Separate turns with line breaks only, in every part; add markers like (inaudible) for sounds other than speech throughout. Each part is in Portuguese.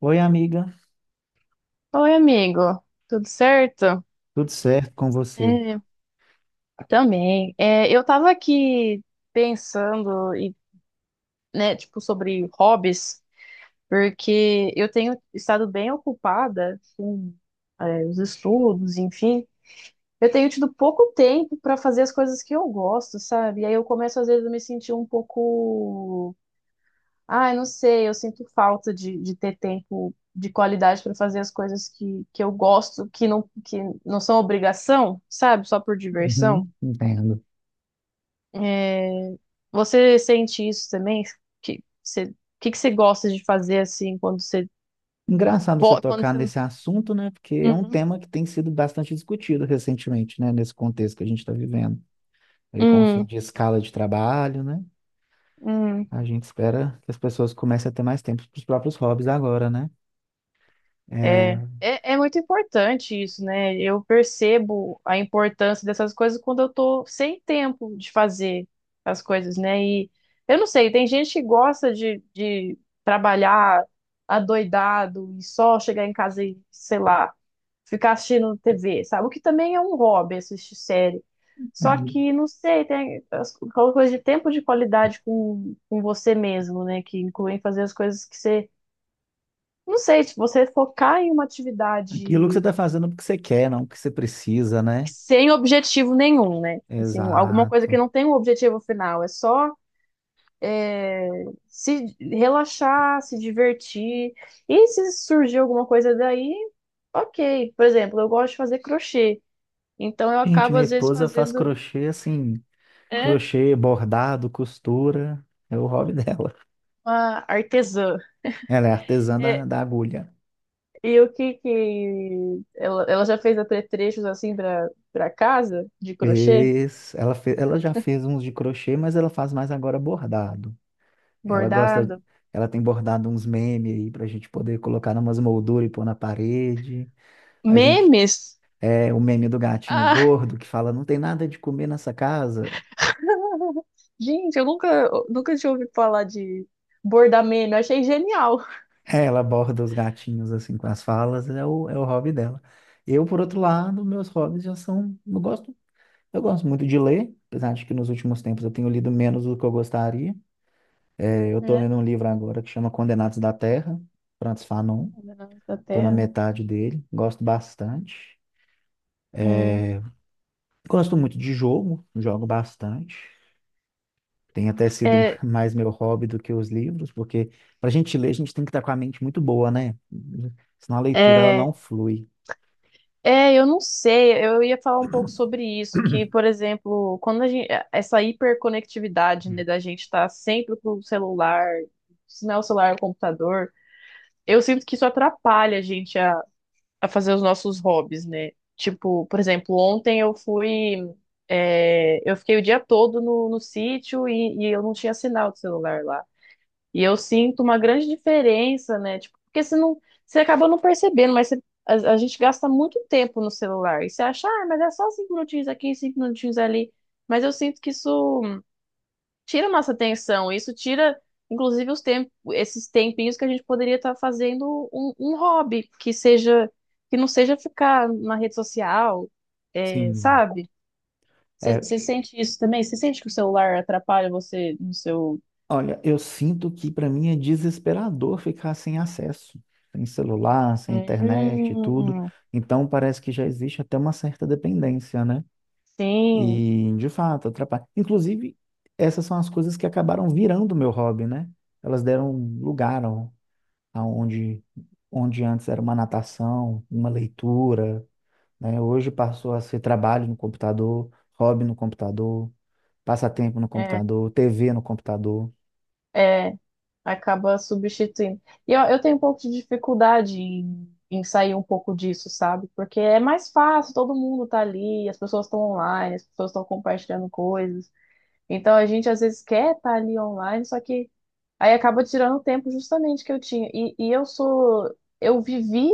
Oi, amiga,
Oi, amigo. Tudo certo?
tudo certo com você?
É, também. Eu tava aqui pensando né, tipo, sobre hobbies, porque eu tenho estado bem ocupada com os estudos, enfim. Eu tenho tido pouco tempo para fazer as coisas que eu gosto, sabe? E aí eu começo, às vezes, a me sentir um pouco. Ah, eu não sei, eu sinto falta de ter tempo de qualidade para fazer as coisas que eu gosto, que não são obrigação, sabe? Só por diversão.
Uhum, entendo.
É. Você sente isso também? Que você, o que você gosta de fazer assim quando você...
Engraçado você
quando
tocar
você...
nesse assunto, né? Porque é um
Hum,
tema que tem sido bastante discutido recentemente, né? Nesse contexto que a gente está vivendo. Aí com o fim
hum,
de escala de trabalho, né?
hum.
A gente espera que as pessoas comecem a ter mais tempo para os próprios hobbies agora, né?
É,
É,
é muito importante isso, né? Eu percebo a importância dessas coisas quando eu tô sem tempo de fazer as coisas, né? E eu não sei, tem gente que gosta de trabalhar adoidado e só chegar em casa e, sei lá, ficar assistindo TV, sabe? O que também é um hobby, assistir série. Só
entendo.
que, não sei, tem as aquela coisa de tempo de qualidade com você mesmo, né? Que incluem fazer as coisas que você... não sei, se você focar em uma
Aquilo que você
atividade
está fazendo porque você quer, não porque você precisa, né?
sem objetivo nenhum, né? Assim, alguma coisa que
Exato.
não tem um objetivo final, é só se relaxar, se divertir. E se surgir alguma coisa daí, ok. Por exemplo, eu gosto de fazer crochê, então eu
Gente,
acabo
minha
às vezes
esposa faz
fazendo,
crochê assim,
é,
crochê, bordado, costura, é o hobby (laughs) dela.
uma artesã.
Ela é artesã da,
É,
da agulha.
e o que que ela já fez apetrechos assim para casa de crochê,
Fez, ela, ela já fez uns de crochê, mas ela faz mais agora bordado. Ela gosta,
bordado,
ela tem bordado uns memes aí pra gente poder colocar numas molduras e pôr na parede. A gente
memes.
é o meme do gatinho
Ah,
gordo que fala não tem nada de comer nessa casa.
gente, eu nunca tinha ouvido falar de bordar meme. Eu achei genial.
É, ela borda os gatinhos assim com as falas, é o hobby dela. Eu, por outro lado, meus hobbies já são, eu gosto muito de ler, apesar de que nos últimos tempos eu tenho lido menos do que eu gostaria. Eu tô
Né?
lendo um livro agora que chama Condenados da Terra, Francis Fanon.
Governantes da
Tô na
Terra.
metade dele, gosto bastante.
Hum.
Gosto muito de jogo, jogo bastante. Tem até sido
É,
(laughs) mais meu hobby do que os livros, porque pra gente ler, a gente tem que estar com a mente muito boa, né? Senão a leitura ela
é,
não flui.
é, eu não sei, eu ia falar um pouco sobre isso, que,
(clears throat)
por exemplo, quando a gente, essa hiperconectividade, né, da gente estar sempre com o celular, se não é o celular, é o computador, eu sinto que isso atrapalha a gente a fazer os nossos hobbies, né? Tipo, por exemplo, ontem eu fui. É, eu fiquei o dia todo no sítio e eu não tinha sinal de celular lá. E eu sinto uma grande diferença, né? Tipo, porque você não, você acaba não percebendo, mas você- a gente gasta muito tempo no celular. E você acha, ah, mas é só cinco minutinhos aqui, cinco minutinhos ali. Mas eu sinto que isso tira nossa atenção, isso tira, inclusive, os tem- esses tempinhos que a gente poderia estar fazendo um hobby que seja, que não seja ficar na rede social, é,
Sim.
sabe?
É,
Você sente isso também? Você sente que o celular atrapalha você no seu.
olha, eu sinto que para mim é desesperador ficar sem acesso, sem celular, sem internet e tudo.
Hum,
Então parece que já existe até uma certa dependência, né?
sim.
E, de fato, atrapalha. Inclusive, essas são as coisas que acabaram virando meu hobby, né? Elas deram lugar aonde onde antes era uma natação, uma leitura, né? Hoje passou a ser trabalho no computador, hobby no computador, passatempo no
É,
computador, TV no computador.
é. Acaba substituindo. E eu tenho um pouco de dificuldade em sair um pouco disso, sabe? Porque é mais fácil, todo mundo tá ali, as pessoas estão online, as pessoas estão compartilhando coisas. Então a gente às vezes quer estar ali online, só que aí acaba tirando o tempo justamente que eu tinha. E eu sou, eu vivi,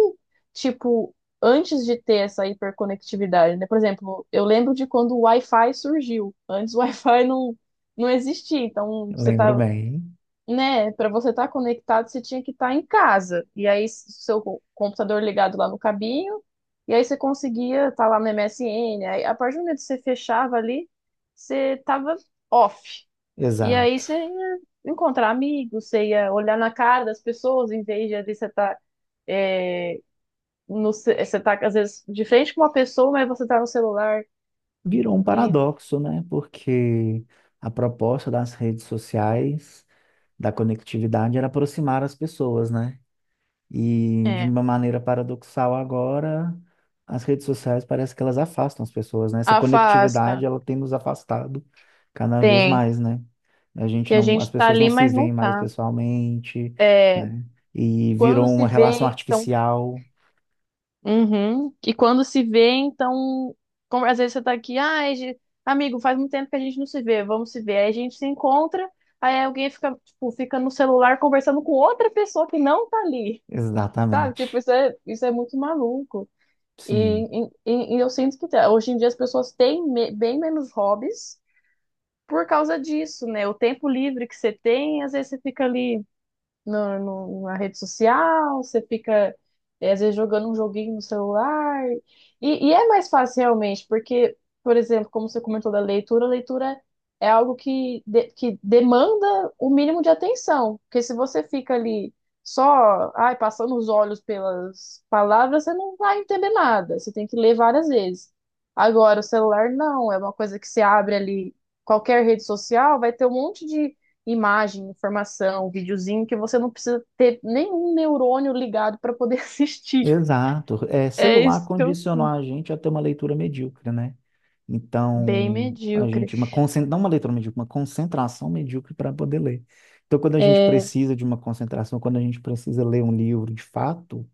tipo, antes de ter essa hiperconectividade, né? Por exemplo, eu lembro de quando o Wi-Fi surgiu. Antes o (laughs) Wi-Fi não, não existia, então você
Lembro
tá...
bem,
né, para você estar conectado, você tinha que estar em casa. E aí, s- seu co- computador ligado lá no cabinho, e aí você conseguia estar lá no MSN. Aí, a partir do momento que você fechava ali, você tava off. E aí
exato.
você ia encontrar amigos, você ia olhar na cara das pessoas, em vez de às vezes, você tá, é, no, ce- você tá, às vezes, de frente com uma pessoa, mas você tá no celular
Virou um
e
paradoxo, né? Porque a proposta das redes sociais, da conectividade, era aproximar as pessoas, né? E de
é,
uma maneira paradoxal agora, as redes sociais parece que elas afastam as pessoas, né? Essa conectividade,
afasta.
ela tem nos afastado cada vez
Tem.
mais, né? A
Que
gente
a
não, as
gente tá
pessoas não
ali,
se
mas não
veem mais
tá.
pessoalmente,
É,
né? E
quando
virou uma
se
relação
vê, então...
artificial.
Uhum. E quando se vê, então, como às vezes você tá aqui, ai, ge- amigo, faz muito tempo que a gente não se vê, vamos se ver. Aí a gente se encontra, aí alguém fica, tipo, fica no celular conversando com outra pessoa que não tá ali, sabe?
Exatamente.
Tipo, isso é muito maluco. E,
Sim.
e eu sinto que tá- hoje em dia as pessoas têm me- bem menos hobbies por causa disso, né? O tempo livre que você tem, às vezes você fica ali na rede social, você fica, eh, às vezes, jogando um joguinho no celular. E é mais fácil, realmente, porque, por exemplo, como você comentou da leitura, a leitura é algo que, de- que demanda o mínimo de atenção. Porque se você fica ali só, ai, passando os olhos pelas palavras, você não vai entender nada. Você tem que ler várias vezes. Agora, o celular não, é uma coisa que você abre ali. Qualquer rede social vai ter um monte de imagem, informação, videozinho que você não precisa ter nenhum neurônio ligado para poder (laughs) assistir.
Exato. É,
É
celular
isso que eu
condicionou
sinto.
a gente a ter uma leitura medíocre, né?
Bem
Então, a
medíocre.
gente, uma não uma leitura medíocre, uma concentração medíocre para poder ler. Então, quando a gente
É,
precisa de uma concentração, quando a gente precisa ler um livro de fato,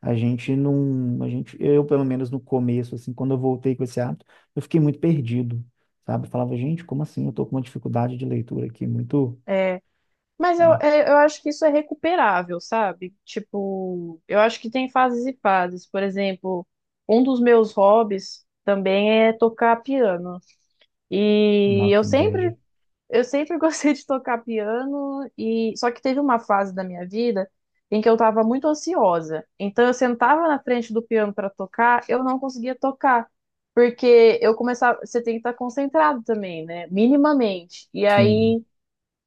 a gente não, a gente, eu pelo menos no começo, assim, quando eu voltei com esse hábito, eu fiquei muito perdido, sabe? Eu falava, gente, como assim? Eu tô com uma dificuldade de leitura aqui, muito,
é. Mas eu acho que isso é recuperável, sabe? Tipo, eu acho que tem fases e fases. Por exemplo, um dos meus hobbies também é tocar piano. E
não,
eu
que
sempre...
inveja.
Eu sempre (laughs) gostei de tocar piano e só que teve uma fase da minha vida em que eu estava muito ansiosa. Então eu sentava na frente do piano para tocar, eu não conseguia tocar, porque eu começava, você tem que estar concentrado também, né? Minimamente. E
Sim,
aí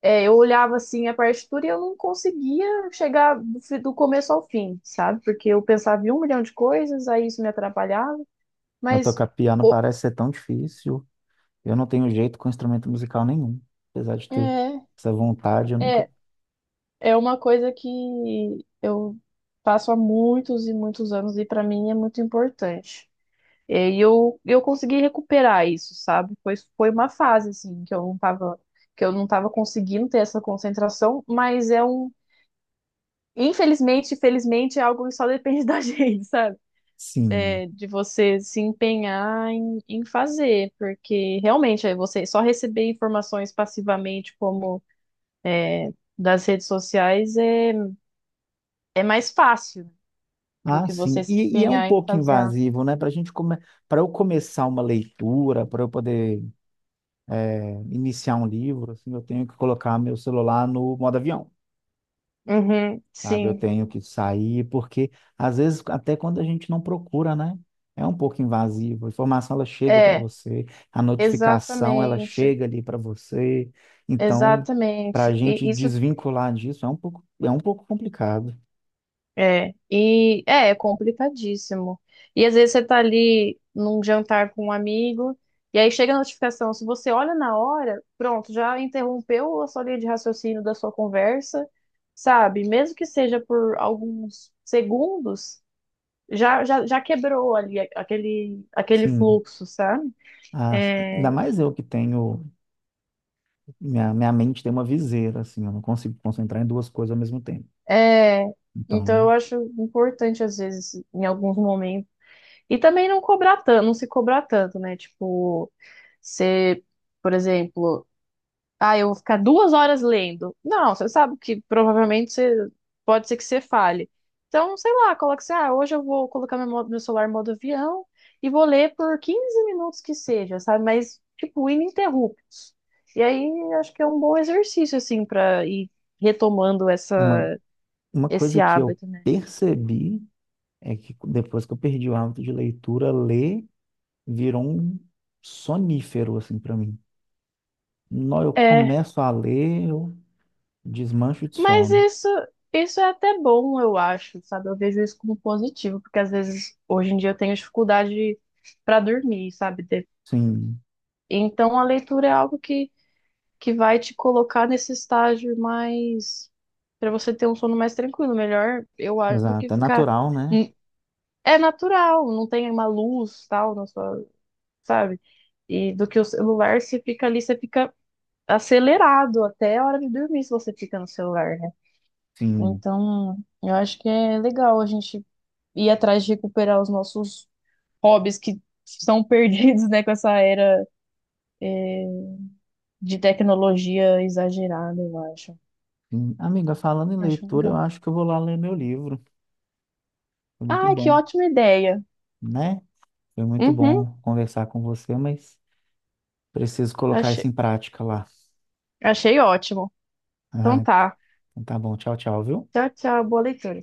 é, eu olhava assim a partitura e eu não conseguia chegar do, fi- do começo ao fim, sabe? Porque eu pensava em um milhão de coisas, aí isso me atrapalhava.
na
Mas
tocar piano
o-
parece ser tão difícil. Eu não tenho jeito com instrumento musical nenhum, apesar de ter
é,
essa vontade, eu nunca.
é, é uma coisa que eu faço há muitos e muitos anos e para mim é muito importante. E eu consegui recuperar isso, sabe? Foi uma fase assim que eu não tava, que eu não tava conseguindo ter essa concentração, mas é um, infelizmente, felizmente é algo que só depende (laughs) da gente, sabe?
Sim.
É, de você se empenhar em fazer, porque realmente aí você só receber informações passivamente como das redes sociais é é mais fácil. Do
Ah,
que
sim.
você se
E é um
empenhar em
pouco
fazer algo.
invasivo, né? Para gente come... para eu começar uma leitura, para eu poder iniciar um livro, assim, eu tenho que colocar meu celular no modo avião.
Uhum,
Sabe? Eu
sim.
tenho que sair, porque às vezes, até quando a gente não procura, né? É um pouco invasivo. A informação ela chega para
É,
você, a notificação ela
exatamente,
chega ali para você. Então, para a
exatamente.
gente
E isso
desvincular disso é um pouco complicado.
é, é complicadíssimo. E às vezes você tá ali num jantar com um amigo, e aí chega a notificação. Se você olha na hora, pronto, já interrompeu a sua linha de raciocínio da sua conversa, sabe? Mesmo que seja por alguns segundos, já quebrou ali aquele
Sim.
fluxo, sabe?
Ah, ainda
É,
mais eu que tenho, minha mente tem uma viseira, assim, eu não consigo concentrar em duas coisas ao mesmo tempo.
é, então eu
Então,
acho importante, às vezes, em alguns momentos. E também não cobrar tanto, não se cobrar tanto, né? Tipo, você, por exemplo, ah, eu vou ficar 2 horas lendo. Não, você sabe que provavelmente você pode ser que você fale. Então, sei lá, coloca assim, ah, hoje eu vou colocar meu, mo- meu celular em modo avião e vou ler por 15 minutos que seja, sabe? Mas, tipo, ininterruptos. E aí, acho que é um bom exercício, assim, pra ir retomando
uma,
essa,
uma
esse
coisa que eu
hábito. Né?
percebi é que depois que eu perdi o hábito de leitura, ler virou um sonífero, assim, pra mim. Nó, eu
É,
começo a ler, eu desmancho de
mas
sono.
isso, isso é até bom, eu acho, sabe? Eu vejo isso como positivo, porque às vezes hoje em dia eu tenho dificuldade para dormir, sabe? De-
Sim,
Então a leitura é algo que vai te colocar nesse estágio mais para você ter um sono mais tranquilo, melhor, eu acho, do que
exato. É
ficar...
natural, né?
Hum, é natural, não tem uma luz tal na sua, sabe? E do que o celular, você fica ali, você fica acelerado até a hora de dormir se você fica no celular, né?
Sim,
Então, eu acho que é legal a gente ir atrás de recuperar os nossos hobbies que são (laughs) perdidos, né, com essa era de tecnologia exagerada, eu acho.
sim. Amiga, falando em
Acho
leitura, eu
legal.
acho que eu vou lá ler meu livro. Foi muito
Ah, que
bom,
ótima ideia.
né? Foi muito
Uhum,
bom conversar com você, mas preciso colocar isso
achei,
em prática lá.
achei ótimo. Então
Ah,
tá.
então tá bom. Tchau, tchau, viu?
Tchau, tchau, boa leitura.